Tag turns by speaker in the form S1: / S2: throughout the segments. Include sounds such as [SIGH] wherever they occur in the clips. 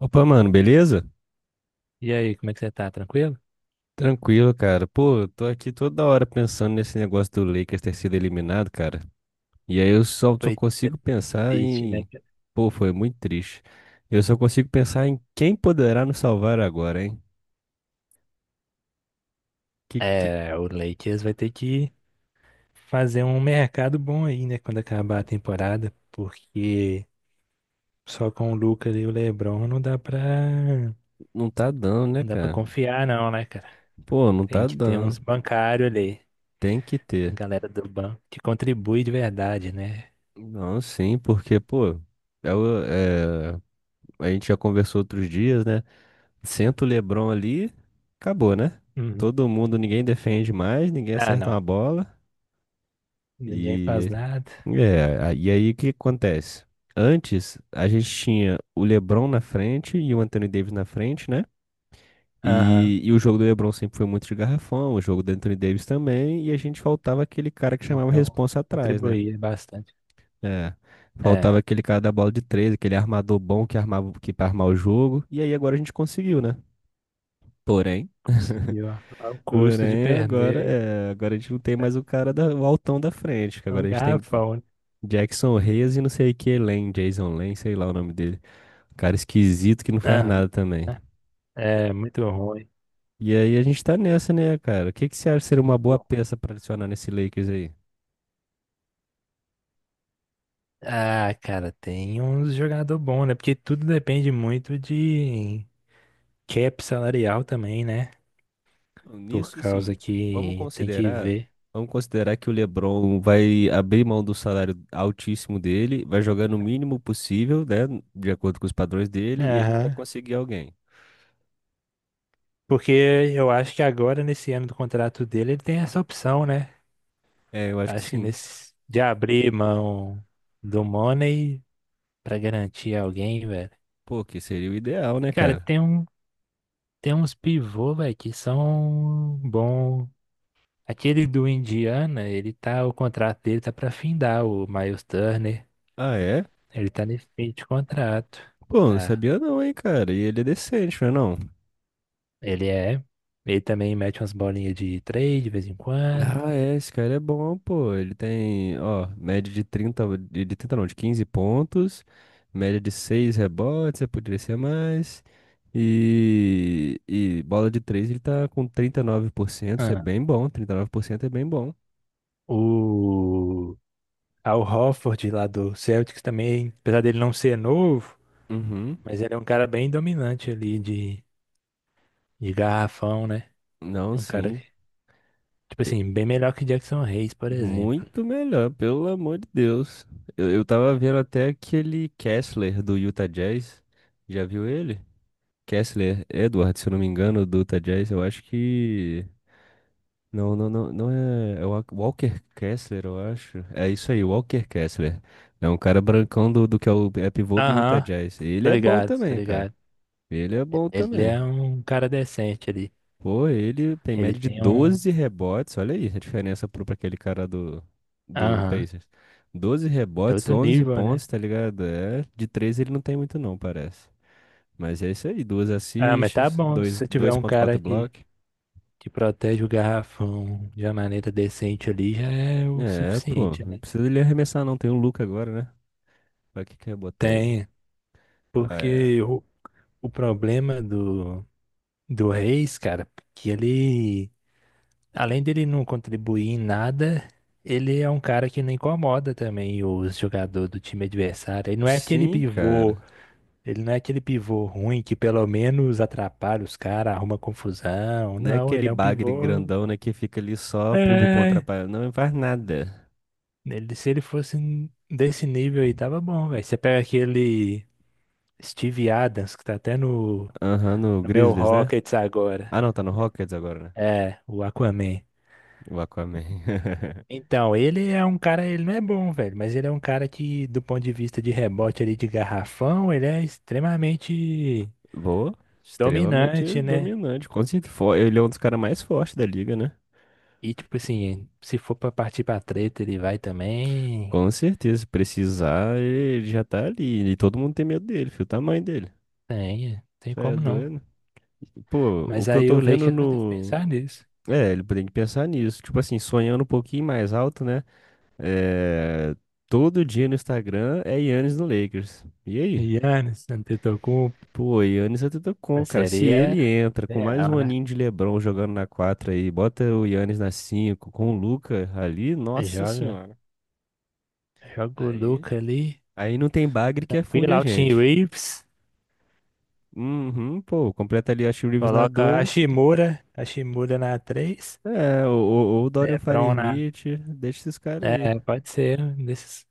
S1: Opa, mano, beleza?
S2: E aí, como é que você tá? Tranquilo?
S1: Tranquilo, cara. Pô, eu tô aqui toda hora pensando nesse negócio do Lakers ter sido eliminado, cara. E aí eu só
S2: Foi
S1: consigo pensar
S2: triste, né,
S1: em.
S2: cara?
S1: Pô, foi muito triste. Eu só consigo pensar em quem poderá nos salvar agora, hein? Que...
S2: É, o Lakers vai ter que fazer um mercado bom aí, né, quando acabar a temporada, porque só com o Lucas e o LeBron não dá pra,
S1: Não tá dando, né,
S2: não dá pra
S1: cara?
S2: confiar não, né, cara?
S1: Pô, não
S2: Tem
S1: tá
S2: que ter
S1: dando.
S2: uns bancários ali,
S1: Tem que
S2: a
S1: ter.
S2: galera do banco, que contribui de verdade, né?
S1: Não, sim, porque, pô, é, o- é... a gente já conversou outros dias, né? Senta o LeBron ali, acabou, né?
S2: Uhum.
S1: Todo mundo, ninguém defende mais, ninguém
S2: Ah,
S1: acerta
S2: não.
S1: uma bola.
S2: Ninguém faz
S1: E,
S2: nada.
S1: e aí o que acontece? Antes, a gente tinha o LeBron na frente e o Anthony Davis na frente, né?
S2: Aham.
S1: E o jogo do LeBron sempre foi muito de garrafão, o jogo do Anthony Davis também, e a gente faltava aquele cara que chamava
S2: Então,
S1: responsa atrás, né?
S2: contribuir bastante.
S1: É, faltava
S2: É,
S1: aquele cara da bola de três, aquele armador bom que armava, que para armar o jogo, e aí agora a gente conseguiu, né? Porém.
S2: conseguiu. Ó. Ao custo de
S1: Porém, agora
S2: perder.
S1: é, agora a gente não tem mais o cara da, o altão da frente, que
S2: O
S1: agora a gente tem
S2: garrafão.
S1: Jackson Reyes e não sei que Lane, Jason Lane, sei lá o nome dele. Um cara esquisito que não faz
S2: Ah,
S1: nada também.
S2: é muito ruim.
S1: E aí a gente tá nessa, né, cara? O que que você acha ser uma boa
S2: Muito ruim.
S1: peça pra adicionar nesse Lakers aí?
S2: Ah, cara, tem uns jogador bom, né? Porque tudo depende muito de cap salarial também, né? Por
S1: Nisso, sim.
S2: causa
S1: Vamos
S2: que tem que
S1: considerar,
S2: ver.
S1: vamos considerar que o LeBron vai abrir mão do salário altíssimo dele, vai jogar no mínimo possível, né, de acordo com os padrões dele, e a gente vai
S2: Aham.
S1: conseguir alguém.
S2: Porque eu acho que agora, nesse ano do contrato dele, ele tem essa opção, né?
S1: É, eu acho que
S2: Acho que
S1: sim.
S2: nesse de abrir mão do money pra garantir alguém, velho.
S1: Pô, que seria o ideal, né,
S2: Cara,
S1: cara?
S2: tem um, tem uns pivô, velho, que são bom. Aquele do Indiana, ele tá, o contrato dele tá pra findar, o Miles Turner.
S1: Ah, é?
S2: Ele tá nesse fim de contrato,
S1: Pô, não
S2: tá?
S1: sabia não, hein, cara. E ele é decente, não é não?
S2: Ele é. Ele também mete umas bolinhas de três de vez em quando.
S1: Ah, é, esse cara é bom, pô. Ele tem, ó, média de 30 de 30 não, de 15 pontos, média de 6 rebotes, eu poderia ser mais. E bola de 3 ele tá com 39%, isso é
S2: Ah,
S1: bem bom, 39% é bem bom.
S2: o Al Horford lá do Celtics também, apesar dele não ser novo,
S1: Uhum.
S2: mas ele é um cara bem dominante ali de garrafão, né?
S1: Não,
S2: É um cara,
S1: sim.
S2: tipo assim, bem melhor que Jackson Hayes, por exemplo.
S1: Muito melhor, pelo amor de Deus. Eu tava vendo até aquele Kessler do Utah Jazz. Já viu ele? Kessler Edward, se eu não me engano, do Utah Jazz. Eu acho que. Não, não, não, não é. É o Walker Kessler, eu acho. É isso aí, Walker Kessler. É um cara brancão do que é o é pivô do Utah
S2: Aham,
S1: Jazz. Ele
S2: tá
S1: é bom
S2: ligado, tá
S1: também, cara.
S2: ligado.
S1: Ele é bom
S2: Ele
S1: também.
S2: é um cara decente ali.
S1: Pô, ele tem
S2: Ele
S1: média de
S2: tem um.
S1: 12 rebotes. Olha aí a diferença pro, pra aquele cara do, do
S2: Aham.
S1: Pacers. 12
S2: É
S1: rebotes,
S2: outro
S1: 11
S2: nível,
S1: pontos,
S2: né?
S1: tá ligado? É, de 3 ele não tem muito não, parece. Mas é isso aí, duas
S2: Ah, mas tá
S1: assists,
S2: bom. Se você tiver um
S1: 2.4
S2: cara
S1: block.
S2: que protege o garrafão de uma maneira decente ali, já é o
S1: É, pô,
S2: suficiente,
S1: não
S2: né?
S1: precisa ele arremessar não, tem o Luka agora, né? Pra que que eu botar ele?
S2: Tem.
S1: Ah, é.
S2: Porque o problema do, do Reis, cara, que ele. Além dele não contribuir em nada, ele é um cara que não incomoda também os jogadores do time adversário. Ele não é aquele
S1: Sim,
S2: pivô.
S1: cara.
S2: Ele não é aquele pivô ruim que pelo menos atrapalha os caras, arruma confusão.
S1: Não é
S2: Não, ele
S1: aquele
S2: é um
S1: bagre
S2: pivô.
S1: grandão, né, que fica ali só pumbo pum
S2: É.
S1: atrapalhando. Não faz nada.
S2: Ele, se ele fosse n- desse nível aí, tava bom, velho. Você pega aquele Steve Adams, que tá até no,
S1: Aham, no
S2: no meu
S1: Grizzlies, né?
S2: Rockets agora.
S1: Ah, não, tá no Rockets agora, né?
S2: É, o Aquaman.
S1: O Aquaman. [LAUGHS]
S2: Então, ele é um cara, ele não é bom, velho, mas ele é um cara que, do ponto de vista de rebote ali de garrafão, ele é extremamente
S1: Boa. Extremamente
S2: dominante, né?
S1: dominante. Com certeza. Ele é um dos caras mais fortes da liga, né?
S2: E tipo assim, se for pra partir pra treta, ele vai também.
S1: Com certeza. Se precisar, ele já tá ali. E todo mundo tem medo dele, filho. O tamanho dele.
S2: Tem, tem
S1: Isso é
S2: como não.
S1: doido. Pô, o
S2: Mas
S1: que eu
S2: aí
S1: tô
S2: o
S1: vendo
S2: Lakers vai ter que
S1: no.
S2: pensar nisso.
S1: É, ele tem que pensar nisso. Tipo assim, sonhando um pouquinho mais alto, né? É... Todo dia no Instagram é Yannis no Lakers. E aí?
S2: Giannis, Antetokounmpo,
S1: Pô, Giannis Antetokounmpo,
S2: mas
S1: cara. Se
S2: seria
S1: ele entra com mais
S2: ideal,
S1: um
S2: né?
S1: aninho de LeBron jogando na 4 aí, bota o Giannis na 5 com o Luca ali, nossa
S2: Joga,
S1: senhora.
S2: joga o
S1: Aí,
S2: Luka ali,
S1: aí não tem bagre que afunde
S2: tranquilo,
S1: a
S2: Austin
S1: gente.
S2: Reeves,
S1: Uhum, pô, completa ali a Austin Reeves na
S2: coloca
S1: 2.
S2: A Shimura na três,
S1: É, ou o Dorian
S2: LeBron na...
S1: Finney-Smith, deixa esses caras aí.
S2: É, pode ser um desses.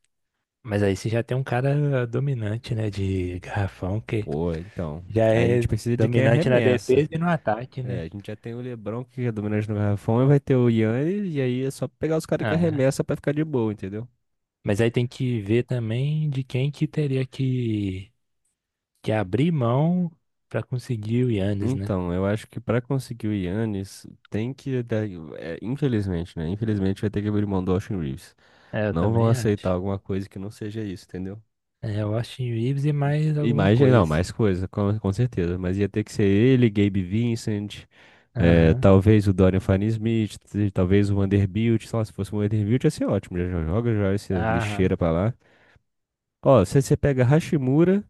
S2: Mas aí você já tem um cara dominante, né, de garrafão, que
S1: Pô, então,
S2: já
S1: aí a gente
S2: é
S1: precisa de quem
S2: dominante na
S1: arremessa.
S2: defesa e no ataque, né?
S1: É, a gente já tem o LeBron que é dominante no garrafão, e vai ter o Giannis, e aí é só pegar os caras que
S2: Ah,
S1: arremessa pra ficar de boa, entendeu?
S2: mas aí tem que ver também de quem que teria que abrir mão para conseguir o Yannis, né?
S1: Então, eu acho que para conseguir o Yannis, tem que. É, infelizmente, né? Infelizmente vai ter que abrir mão do Austin Reeves.
S2: É, eu
S1: Não vão
S2: também
S1: aceitar
S2: acho.
S1: alguma coisa que não seja isso, entendeu?
S2: É, o Austin Reeves e mais
S1: E
S2: alguma
S1: mais, não,
S2: coisa.
S1: mais coisa, com certeza. Mas ia ter que ser ele, Gabe Vincent, é,
S2: Aham,
S1: talvez o Dorian Finney-Smith, talvez o Vanderbilt. Sei lá, se fosse o Vanderbilt ia ser ótimo. Já já joga já essa
S2: aham.
S1: lixeira pra lá. Ó, se você pega Hashimura,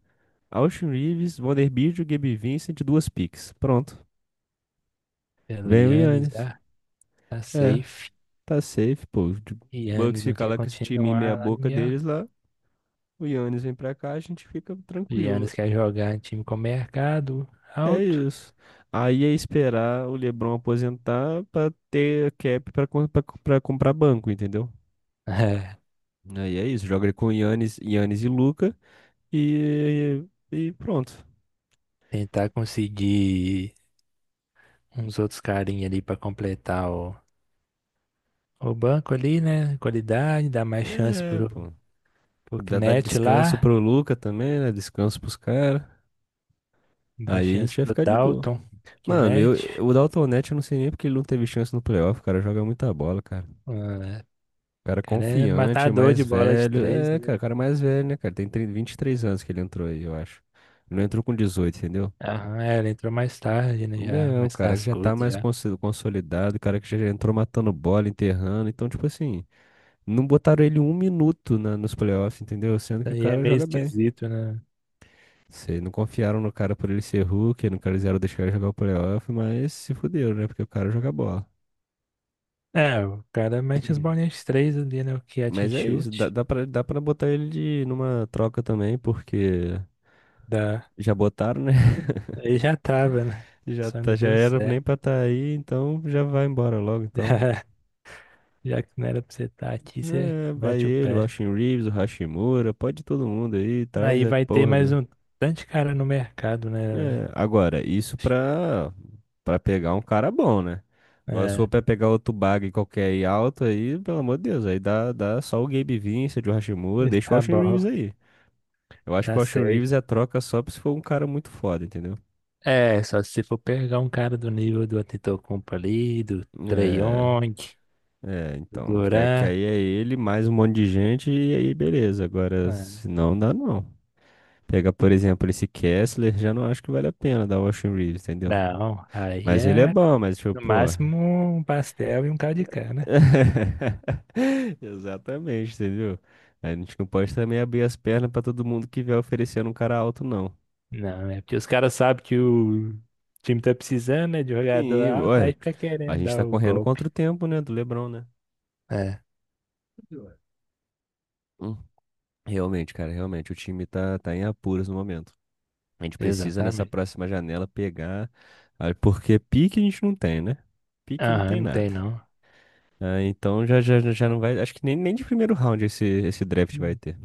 S1: Austin Reeves, Vanderbilt, Gabe Vincent, duas picks. Pronto.
S2: Pelo
S1: Vem o
S2: Yannis
S1: Yannis.
S2: já tá
S1: É.
S2: safe.
S1: Tá safe, pô. O
S2: Yannis
S1: Bucks
S2: não
S1: fica
S2: quer
S1: lá com esse time meia
S2: continuar lá no
S1: boca deles
S2: Milwaukee.
S1: lá. O Yannis vem pra cá, a gente fica tranquilo.
S2: Yannis quer jogar em time com mercado
S1: É
S2: alto.
S1: isso. Aí é esperar o LeBron aposentar pra ter cap pra, pra, pra comprar banco, entendeu?
S2: [LAUGHS] É,
S1: Aí é isso. Joga ele com o Yannis, Yannis e Luca e, e pronto.
S2: tentar conseguir uns outros carinha ali para completar o banco ali, né? Qualidade, dar mais chance
S1: É,
S2: pro
S1: pô.
S2: O
S1: Dá, dá
S2: Knet
S1: descanso
S2: lá,
S1: pro Luca também, né? Descanso pros caras.
S2: dá
S1: Aí a
S2: chance
S1: gente vai
S2: pro
S1: ficar de boa.
S2: Dalton.
S1: Mano,
S2: Knet,
S1: o Dalton Neto eu não sei nem porque ele não teve chance no playoff, cara. Joga muita bola, cara.
S2: ah,
S1: Cara
S2: o cara é
S1: confiante,
S2: matador de
S1: mais
S2: bola de
S1: velho.
S2: três,
S1: É, cara,
S2: né?
S1: cara mais velho, né, cara? Tem trinta 23 anos que ele entrou aí, eu acho. Ele não entrou com 18 entendeu?
S2: Aham, é, ele entrou mais tarde, né? Já,
S1: É, o
S2: mais
S1: cara que já tá
S2: cascudo
S1: mais
S2: já.
S1: consolidado, o cara que já entrou matando bola, enterrando. Então, tipo assim, não botaram ele um minuto na, nos playoffs, entendeu? Sendo que o
S2: Aí é
S1: cara
S2: meio
S1: joga bem.
S2: esquisito, né?
S1: Sei, não confiaram no cara por ele ser Hulk, não quiseram deixar ele jogar o playoff, mas se fuderam, né? Porque o cara joga bola.
S2: É, o cara mete as bolinhas de três ali, né? O catch and
S1: Mas é isso,
S2: shoot.
S1: dá pra botar ele de, numa troca também, porque
S2: Dá.
S1: já botaram, né?
S2: Aí já tava, né?
S1: Já,
S2: Só não
S1: tá, já
S2: deu
S1: era nem
S2: certo.
S1: pra estar aí, então já vai embora logo,
S2: [LAUGHS]
S1: então.
S2: Já que não era pra você estar aqui, você
S1: É, vai
S2: mete o
S1: ele, o
S2: pé.
S1: Austin Reeves, o Hashimura, pode todo mundo aí, traz
S2: Aí
S1: é
S2: vai ter
S1: porra
S2: mais
S1: do...
S2: um tanto de cara no mercado, né, velho?
S1: É, agora, isso pra pegar um cara bom, né? Agora se for
S2: É,
S1: pra pegar outro bag qualquer aí alto aí, pelo amor de Deus, aí dá só o Gabe Vincent, o Hashimura,
S2: [LAUGHS]
S1: deixa o
S2: tá
S1: Austin
S2: bom.
S1: Reeves aí. Eu acho que
S2: Tá
S1: o Austin
S2: safe.
S1: Reeves é troca só se for um cara muito foda, entendeu?
S2: É, só se for pegar um cara do nível do Antetokounmpo ali, do Trae
S1: É,
S2: Young,
S1: É,
S2: do
S1: então, que
S2: Duran.
S1: aí é ele mais um monte de gente e aí beleza. Agora,
S2: Ah,
S1: se não dá não. Pega, por exemplo, esse Kessler, já não acho que vale a pena dar o Austin Reeves, entendeu?
S2: não, aí
S1: Mas ele é
S2: é
S1: bom, mas tipo,
S2: no
S1: pô.
S2: máximo um pastel e um caldo de cana.
S1: [LAUGHS] Exatamente, entendeu? A gente não pode também abrir as pernas pra todo mundo que vier oferecendo um cara alto, não.
S2: Não, é porque os caras sabem que o time tá precisando, né, de jogador
S1: Sim,
S2: alto,
S1: ué,
S2: aí fica
S1: a
S2: querendo
S1: gente
S2: dar
S1: tá
S2: o
S1: correndo contra
S2: golpe.
S1: o tempo, né, do LeBron, né?
S2: É,
S1: Hum. Realmente, cara, realmente, o time tá em apuros no momento. A gente precisa nessa
S2: exatamente.
S1: próxima janela pegar, ah, porque pique a gente não tem, né? Pique não
S2: Aham,
S1: tem
S2: não tem
S1: nada.
S2: não.
S1: Ah, então já não vai. Acho que nem de primeiro round esse draft vai
S2: Hum.
S1: ter.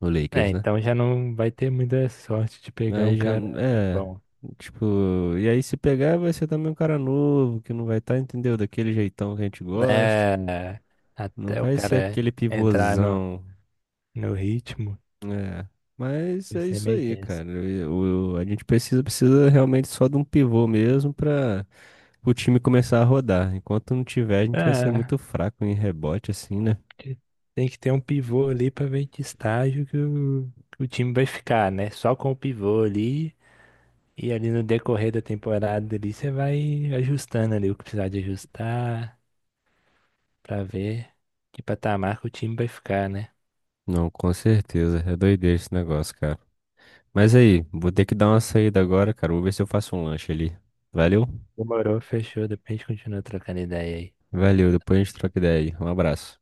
S1: O
S2: É,
S1: Lakers, né?
S2: então já não vai ter muita sorte de pegar um
S1: Aí já.
S2: cara
S1: É.
S2: bom,
S1: Tipo. E aí se pegar vai ser também um cara novo, que não vai estar, entendeu? Daquele jeitão que a gente gosta.
S2: né?
S1: Não
S2: Até o
S1: vai ser
S2: cara
S1: aquele
S2: entrar no,
S1: pivôzão.
S2: no ritmo,
S1: É. Mas
S2: vai
S1: é
S2: ser
S1: isso
S2: meio
S1: aí,
S2: tenso.
S1: cara. A gente precisa realmente só de um pivô mesmo pra. O time começar a rodar. Enquanto não tiver, a gente vai ser
S2: É,
S1: muito fraco em rebote, assim, né?
S2: tem que ter um pivô ali pra ver que estágio que que o time vai ficar, né? Só com o pivô ali. E ali no decorrer da temporada ali, você vai ajustando ali o que precisar de ajustar pra ver que patamar que o time vai ficar, né?
S1: Não, com certeza. É doideira esse negócio, cara. Mas aí, vou ter que dar uma saída agora, cara. Vou ver se eu faço um lanche ali. Valeu?
S2: Demorou, fechou. Depois a gente continua trocando ideia aí.
S1: Valeu, depois a gente troca ideia aí. Um abraço.